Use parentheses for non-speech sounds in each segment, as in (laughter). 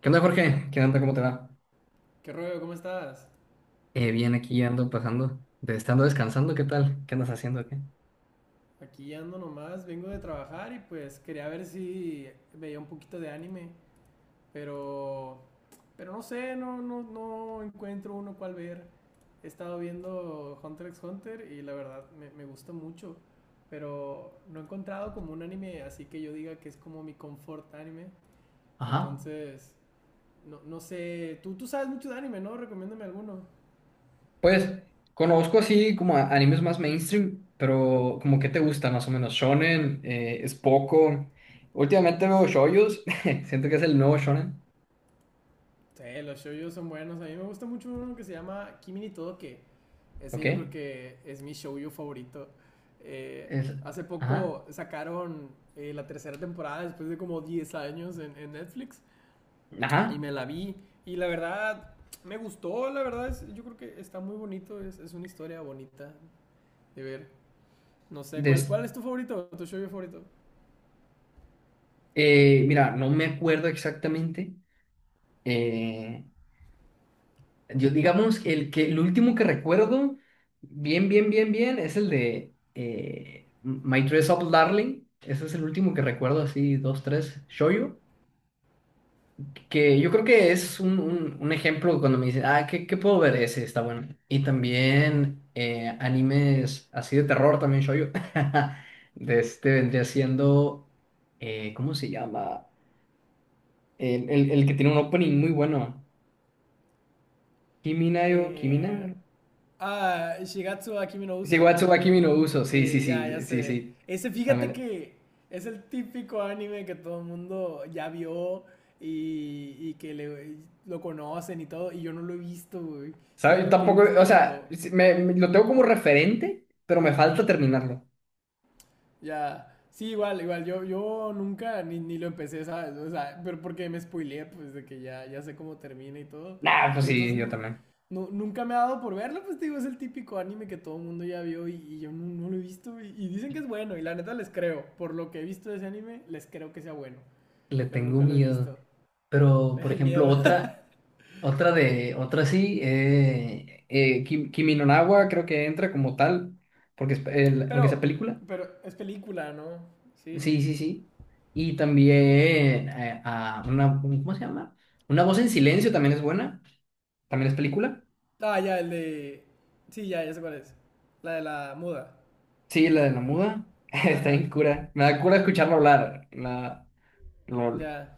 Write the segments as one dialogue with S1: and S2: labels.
S1: ¿Qué onda, Jorge? ¿Qué onda? ¿Cómo te va?
S2: ¿Qué rollo? ¿Cómo estás?
S1: Bien, aquí ando pasando, de estando descansando, ¿qué tal? ¿Qué andas haciendo aquí?
S2: Aquí ando nomás, vengo de trabajar y pues quería ver si veía un poquito de anime, pero no sé, no encuentro uno cual ver. He estado viendo Hunter x Hunter y la verdad me gusta mucho, pero no he encontrado como un anime así que yo diga que es como mi comfort anime.
S1: Ajá.
S2: Entonces, no, no sé, tú sabes mucho de anime, ¿no? Recomiéndame alguno.
S1: Pues conozco así como animes más mainstream, pero como que te gusta más o menos. Shonen, es poco. Últimamente veo shoyos, (laughs) siento que es el nuevo shonen,
S2: Sí, los shoujos son buenos. A mí me gusta mucho uno que se llama Kimi ni Todoke. Ese
S1: ¿ok?
S2: yo creo que es mi shoujo favorito. Eh,
S1: Es,
S2: Hace
S1: ajá,
S2: poco sacaron la tercera temporada después de como 10 años en Netflix y
S1: ajá.
S2: me la vi, y la verdad me gustó. La verdad es, yo creo que está muy bonito. Es una historia bonita de ver. No sé, ¿cuál,
S1: Des-
S2: cuál es tu favorito? ¿Tu shoujo favorito?
S1: mira, no me acuerdo exactamente. eh, Yo digamos que el último que recuerdo bien es el de My Dress Up Darling. Ese es el último que recuerdo, así, dos, tres, shoujo. Que yo creo que es un ejemplo cuando me dicen, ah, ¿qué puedo ver? Ese está bueno. Y también animes así de terror, también shoujo. (laughs) De este vendría siendo, ¿cómo se llama? El que tiene un opening muy bueno. Kiminayo,
S2: Eh,
S1: Kimina,
S2: Shigatsu Akimi no
S1: sí,
S2: Uso.
S1: Watsubaki mi no uso, sí, sí,
S2: Sí, ya, ya
S1: sí, sí,
S2: sé.
S1: sí.
S2: Ese, fíjate
S1: También.
S2: que es el típico anime que todo el mundo ya vio, y que lo conocen y todo, y yo no lo he visto, güey.
S1: ¿Sabes?
S2: Siendo que he
S1: Tampoco, o sea,
S2: visto.
S1: sí, lo tengo como referente, pero me falta terminarlo.
S2: Ya. Sí, igual, igual. Yo nunca ni lo empecé, ¿sabes? O sea, pero porque me spoileé, pues de que ya, ya sé cómo termina y todo.
S1: Nah, pues sí,
S2: Entonces,
S1: yo
S2: no,
S1: también.
S2: nunca me ha dado por verlo. Pues te digo, es el típico anime que todo el mundo ya vio, y yo no lo he visto. Y dicen que es bueno, y la neta les creo. Por lo que he visto de ese anime, les creo que sea bueno.
S1: Le
S2: Pero
S1: tengo
S2: nunca lo he
S1: miedo.
S2: visto. (laughs)
S1: Pero,
S2: Le
S1: por
S2: da
S1: ejemplo,
S2: miedo. (laughs)
S1: otra, otra sí, Kimi no Na wa creo que entra como tal, porque es aunque sea
S2: Pero,
S1: película.
S2: pero es película, ¿no? Sí, sí,
S1: Sí, sí,
S2: sí.
S1: sí. Y también a una, ¿cómo se llama? Una voz en silencio también es buena. También es película.
S2: Ah, ya, el de. Sí, ya, ya sé cuál es. La de la muda.
S1: Sí, la de la muda. (laughs) Está
S2: Ajá,
S1: bien cura. Me da cura escucharlo hablar. La... LOL.
S2: ya.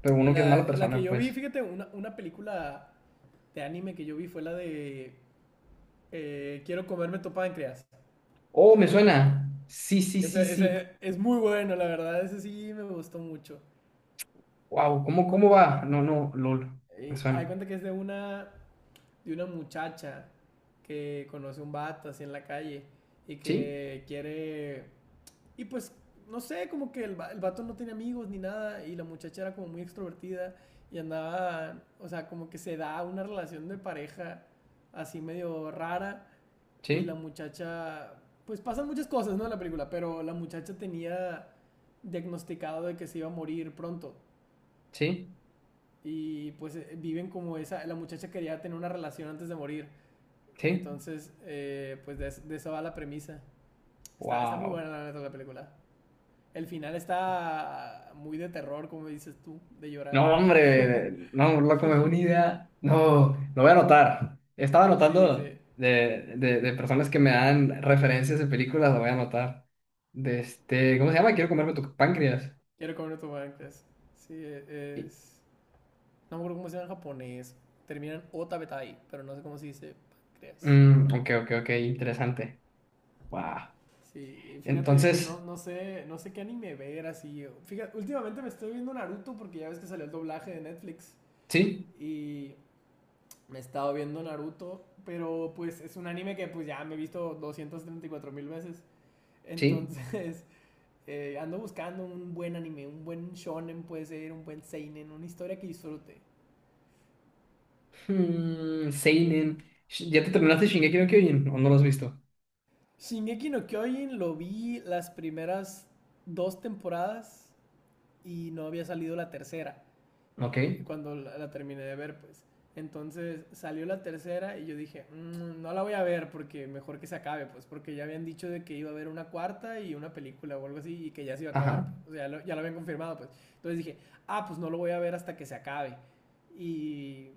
S1: Pero uno que es mala
S2: La que
S1: persona,
S2: yo vi,
S1: pues.
S2: fíjate, una película de anime que yo vi fue la de Quiero comerme tu páncreas.
S1: Oh, me suena. Sí, sí,
S2: Esa,
S1: sí,
S2: esa
S1: sí.
S2: es muy bueno, la verdad, ese sí me gustó mucho.
S1: Wow, ¿cómo, cómo va? No, no, LOL. Me
S2: Hay
S1: suena.
S2: cuenta que es de una muchacha que conoce un vato así en la calle y
S1: ¿Sí?
S2: que quiere... Y pues, no sé, como que el vato no tiene amigos ni nada, y la muchacha era como muy extrovertida y andaba, o sea, como que se da una relación de pareja así medio rara. Y la
S1: ¿Sí?
S2: muchacha, pues pasan muchas cosas, ¿no? En la película. Pero la muchacha tenía diagnosticado de que se iba a morir pronto,
S1: ¿Sí?
S2: y pues viven como esa, la muchacha quería tener una relación antes de morir.
S1: ¿Sí?
S2: Entonces, pues de eso va la premisa. Está muy
S1: Wow.
S2: buena la neta la película. El final está muy de terror, como dices tú, de llorar.
S1: No, hombre.
S2: (laughs)
S1: No, loco, me da una idea. No, lo voy a anotar. Estaba
S2: Sí,
S1: anotando
S2: sí.
S1: de personas que me dan referencias de películas, lo voy a anotar. De este, ¿cómo se llama? Quiero comerme tu páncreas.
S2: Quiero comer tu banqués. Sí, es... No me acuerdo cómo se llama en japonés. Terminan otabetai, pero no sé cómo se dice pancreas.
S1: Mm, ok, ok, ok, interesante. Wow.
S2: Sí, y fíjate, pues
S1: Entonces,
S2: no, no sé, qué anime ver así. Fíjate, últimamente me estoy viendo Naruto porque ya ves que salió el doblaje de Netflix.
S1: sí,
S2: Y me he estado viendo Naruto, pero pues es un anime que pues ya me he visto 234 mil veces.
S1: sí.
S2: Entonces, (laughs) ando buscando un buen anime, un buen shonen puede ser, un buen seinen, una historia que disfrute.
S1: Hmm, seinen. ¿Ya te terminaste Shingeki no Kyojin o no lo has visto?
S2: Shingeki no Kyojin lo vi las primeras dos temporadas y no había salido la tercera
S1: Ok.
S2: cuando la terminé de ver, pues. Entonces salió la tercera y yo dije, "Mm, no la voy a ver. Porque mejor que se acabe, pues porque ya habían dicho de que iba a haber una cuarta y una película o algo así, y que ya se iba a acabar.
S1: Ajá.
S2: O sea, ya lo, habían confirmado, pues". Entonces dije, ah, pues no lo voy a ver hasta que se acabe. Y,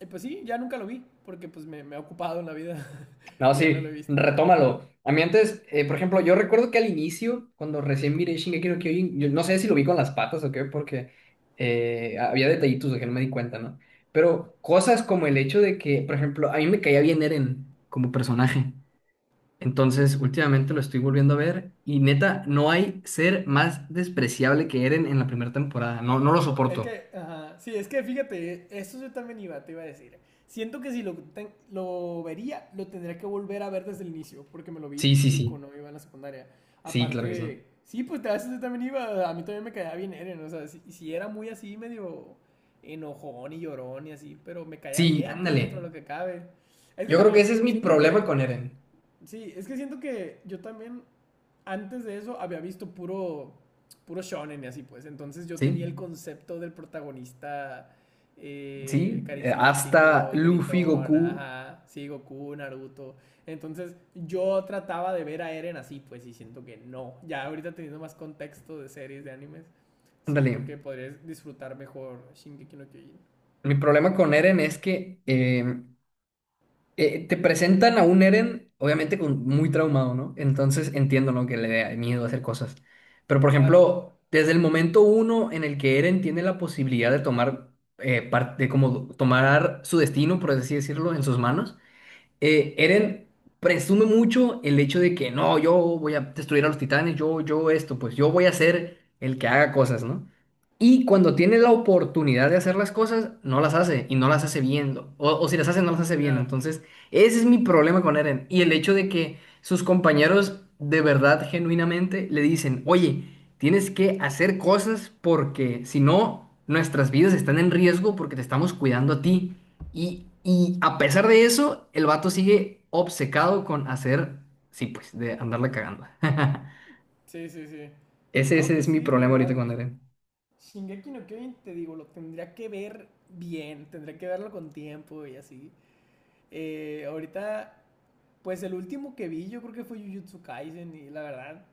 S2: y pues sí, ya nunca lo vi porque pues me ha ocupado en la vida (laughs)
S1: No,
S2: y ya no lo he
S1: sí,
S2: visto.
S1: retómalo. A mí antes, por ejemplo, yo recuerdo que al inicio, cuando recién miré Shingeki no Kyojin, yo no sé si lo vi con las patas o qué, porque había detallitos de que no me di cuenta, ¿no? Pero cosas como el hecho de que, por ejemplo, a mí me caía bien Eren como personaje. Entonces, últimamente lo estoy volviendo a ver y neta, no hay ser más despreciable que Eren en la primera temporada. No, no lo
S2: Es
S1: soporto.
S2: que, ajá, sí, es que fíjate, eso yo también iba, te iba a decir. Siento que si lo vería, lo tendría que volver a ver desde el inicio, porque me lo vi
S1: Sí,
S2: pues
S1: sí,
S2: chico,
S1: sí.
S2: ¿no? Iba en la secundaria.
S1: Sí, claro que sí.
S2: Aparte, sí, pues a veces yo también iba, a mí también me caía bien Eren. O sea, si, era muy así, medio enojón y llorón y así, pero me caía
S1: Sí,
S2: bien, pues dentro de
S1: ándale.
S2: lo que cabe. Es que
S1: Yo creo que
S2: también,
S1: ese es mi
S2: siento
S1: problema
S2: que,
S1: con Eren.
S2: sí, es que siento que yo también antes de eso había visto puro, shonen y así pues. Entonces yo
S1: Sí,
S2: tenía el concepto del protagonista
S1: sí. Hasta
S2: carismático,
S1: Luffy,
S2: gritón,
S1: Goku.
S2: ajá, sí, Goku, Naruto. Entonces yo trataba de ver a Eren así pues, y siento que no. Ya ahorita teniendo más contexto de series, de animes,
S1: Ándale.
S2: siento que podrías disfrutar mejor Shingeki no Kyojin.
S1: Mi problema con Eren es que te presentan a un Eren, obviamente con, muy traumado, ¿no? Entonces entiendo, ¿no?, que le dé miedo hacer cosas. Pero, por
S2: Claro.
S1: ejemplo, desde el momento uno en el que Eren tiene la posibilidad de tomar, parte, como tomar su destino, por así decirlo, en sus manos, Eren presume mucho el hecho de que no, yo voy a destruir a los titanes, yo esto, pues yo voy a ser el que haga cosas, ¿no? Y cuando tiene la oportunidad de hacer las cosas, no las hace y no las hace bien, o si las hace, no las hace
S2: Mm,
S1: bien.
S2: ya.
S1: Entonces, ese es mi problema con Eren. Y el hecho de que sus compañeros de verdad, genuinamente, le dicen, oye, tienes que hacer cosas porque si no, nuestras vidas están en riesgo porque te estamos cuidando a ti. Y a pesar de eso, el vato sigue obcecado con hacer, sí, pues, de andarla cagando. (laughs)
S2: Sí, sí, sí.
S1: Ese,
S2: No,
S1: ese es
S2: pues sí,
S1: mi problema ahorita
S2: igual.
S1: con Eren.
S2: Shingeki no Kyojin, te digo, lo tendría que ver bien, tendría que verlo con tiempo y así. Ahorita, pues el último que vi yo creo que fue Jujutsu Kaisen, y la verdad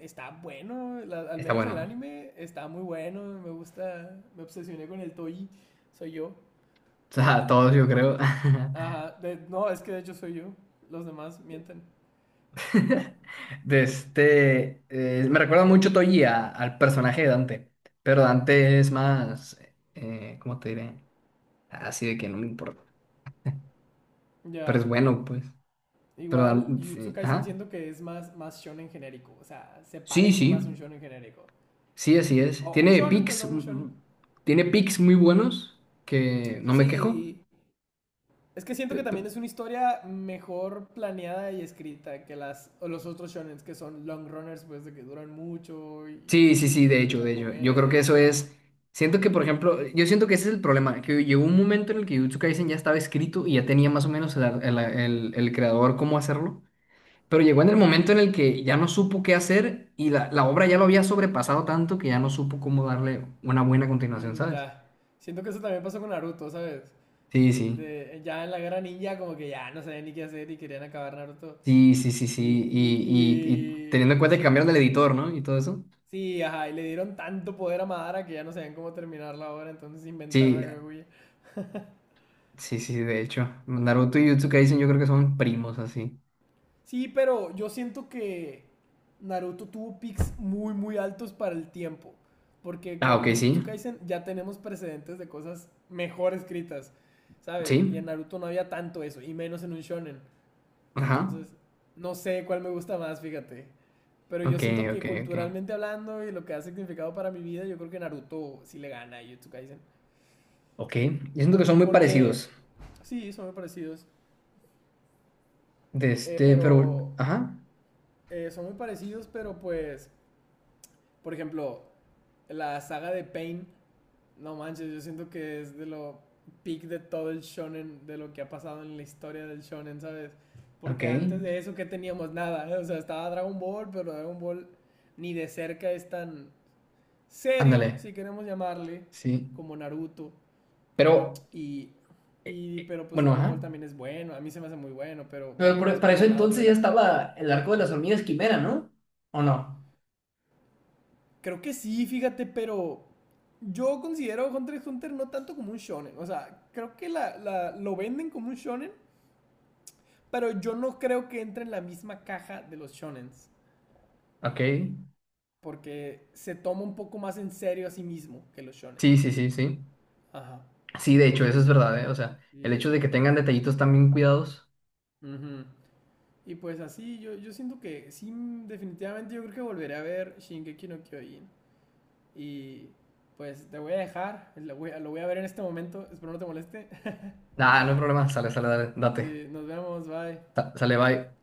S2: está bueno. Al
S1: Está
S2: menos el
S1: bueno.
S2: anime está muy bueno, me gusta, me obsesioné con el Toei, soy yo.
S1: O sea, todos yo creo.
S2: Ajá, no, es que de hecho soy yo, los demás mienten.
S1: (laughs) De este, me recuerda mucho Toji al personaje de Dante, pero Dante es más, ¿cómo te diré? Así de que no me importa, pero es
S2: Ya,
S1: bueno, pues. Pero
S2: igual Jujutsu
S1: Sí,
S2: Kaisen
S1: ajá.
S2: siento que es más, shonen genérico. O sea, se
S1: Sí,
S2: parece más
S1: sí.
S2: a un shonen genérico.
S1: Sí, así es.
S2: O un
S1: Tiene
S2: shonen, pues
S1: picks,
S2: a un shonen.
S1: tiene picks muy buenos que no me quejo.
S2: Sí, es que siento
S1: Pe-
S2: que también
S1: pe-
S2: es una historia mejor planeada y escrita que las o los otros shonens que son long runners, pues de que duran mucho y
S1: Sí, sí, sí,
S2: son
S1: de hecho,
S2: mucha
S1: de hecho. Yo creo que
S2: comedia.
S1: eso
S2: Ajá.
S1: es. Siento que, por ejemplo, yo siento que ese es el problema, que llegó un momento en el que Jujutsu Kaisen ya estaba escrito y ya tenía más o menos el, ar- el creador cómo hacerlo, pero llegó en el momento en el que ya no supo qué hacer y la obra ya lo había sobrepasado tanto que ya no supo cómo darle una buena continuación,
S2: Mm,
S1: ¿sabes?
S2: ya. Siento que eso también pasó con Naruto, ¿sabes?
S1: Sí, sí,
S2: De, ya en la guerra ninja como que ya no sabían ni qué hacer y querían acabar Naruto.
S1: sí, sí, sí,
S2: Y,
S1: sí,
S2: y,
S1: y teniendo en cuenta que cambiaron
S2: sí,
S1: el editor, ¿no? Y todo eso.
S2: sí, ajá, y le dieron tanto poder a Madara que ya no sabían cómo terminar la obra, entonces inventaron a
S1: Sí,
S2: Kaguya.
S1: sí, sí, de hecho. Naruto y Jujutsu Kaisen yo creo que son primos así.
S2: Sí, pero yo siento que Naruto tuvo picks muy, muy altos para el tiempo. Porque
S1: Ah,
S2: con
S1: ok, sí.
S2: Jujutsu Kaisen ya tenemos precedentes de cosas mejor escritas, ¿sabes? Y en
S1: Sí.
S2: Naruto no había tanto eso, y menos en un shonen.
S1: Ajá.
S2: Entonces, no sé cuál me gusta más, fíjate. Pero yo
S1: Ok,
S2: siento
S1: ok,
S2: que
S1: ok.
S2: culturalmente hablando y lo que ha significado para mi vida, yo creo que Naruto sí le gana a Jujutsu Kaisen.
S1: Ok. Yo siento que son muy
S2: Porque,
S1: parecidos.
S2: sí, son muy parecidos.
S1: De
S2: eh,
S1: este, pero.
S2: pero,
S1: Ajá.
S2: eh, son muy parecidos, pero pues, por ejemplo, la saga de Pain, no manches, yo siento que es de lo peak de todo el shonen, de lo que ha pasado en la historia del shonen, ¿sabes?
S1: Ok.
S2: Porque antes de eso, ¿qué teníamos? Nada, ¿eh? O sea, estaba Dragon Ball, pero Dragon Ball ni de cerca es tan serio,
S1: Ándale.
S2: si queremos llamarle,
S1: Sí.
S2: como Naruto.
S1: Pero,
S2: Y, y pero pues
S1: bueno,
S2: Dragon Ball
S1: ajá.
S2: también es bueno, a mí se me hace muy bueno, pero
S1: Pero
S2: va más
S1: para
S2: por
S1: eso
S2: el lado
S1: entonces
S2: de
S1: ya
S2: la.
S1: estaba el arco de las hormigas quimera, ¿no? ¿O no?
S2: Creo que sí, fíjate, pero yo considero Hunter x Hunter no tanto como un shonen. O sea, creo que lo venden como un shonen, pero yo no creo que entre en la misma caja de los shonens.
S1: Ok.
S2: Porque se toma un poco más en serio a sí mismo que los
S1: Sí,
S2: shonens.
S1: sí, sí, sí.
S2: Ajá.
S1: Sí, de hecho, eso es verdad, ¿eh? O sea, el
S2: Y
S1: hecho de que tengan detallitos tan bien cuidados.
S2: ujú. Y pues así, yo siento que sí, definitivamente yo creo que volveré a ver Shingeki no Kyojin. Y pues te voy a dejar, lo voy a ver en este momento, espero no te moleste. (laughs)
S1: Ah, no hay problema. Sale, sale, dale, date.
S2: Sí, nos vemos, bye.
S1: Sale, bye.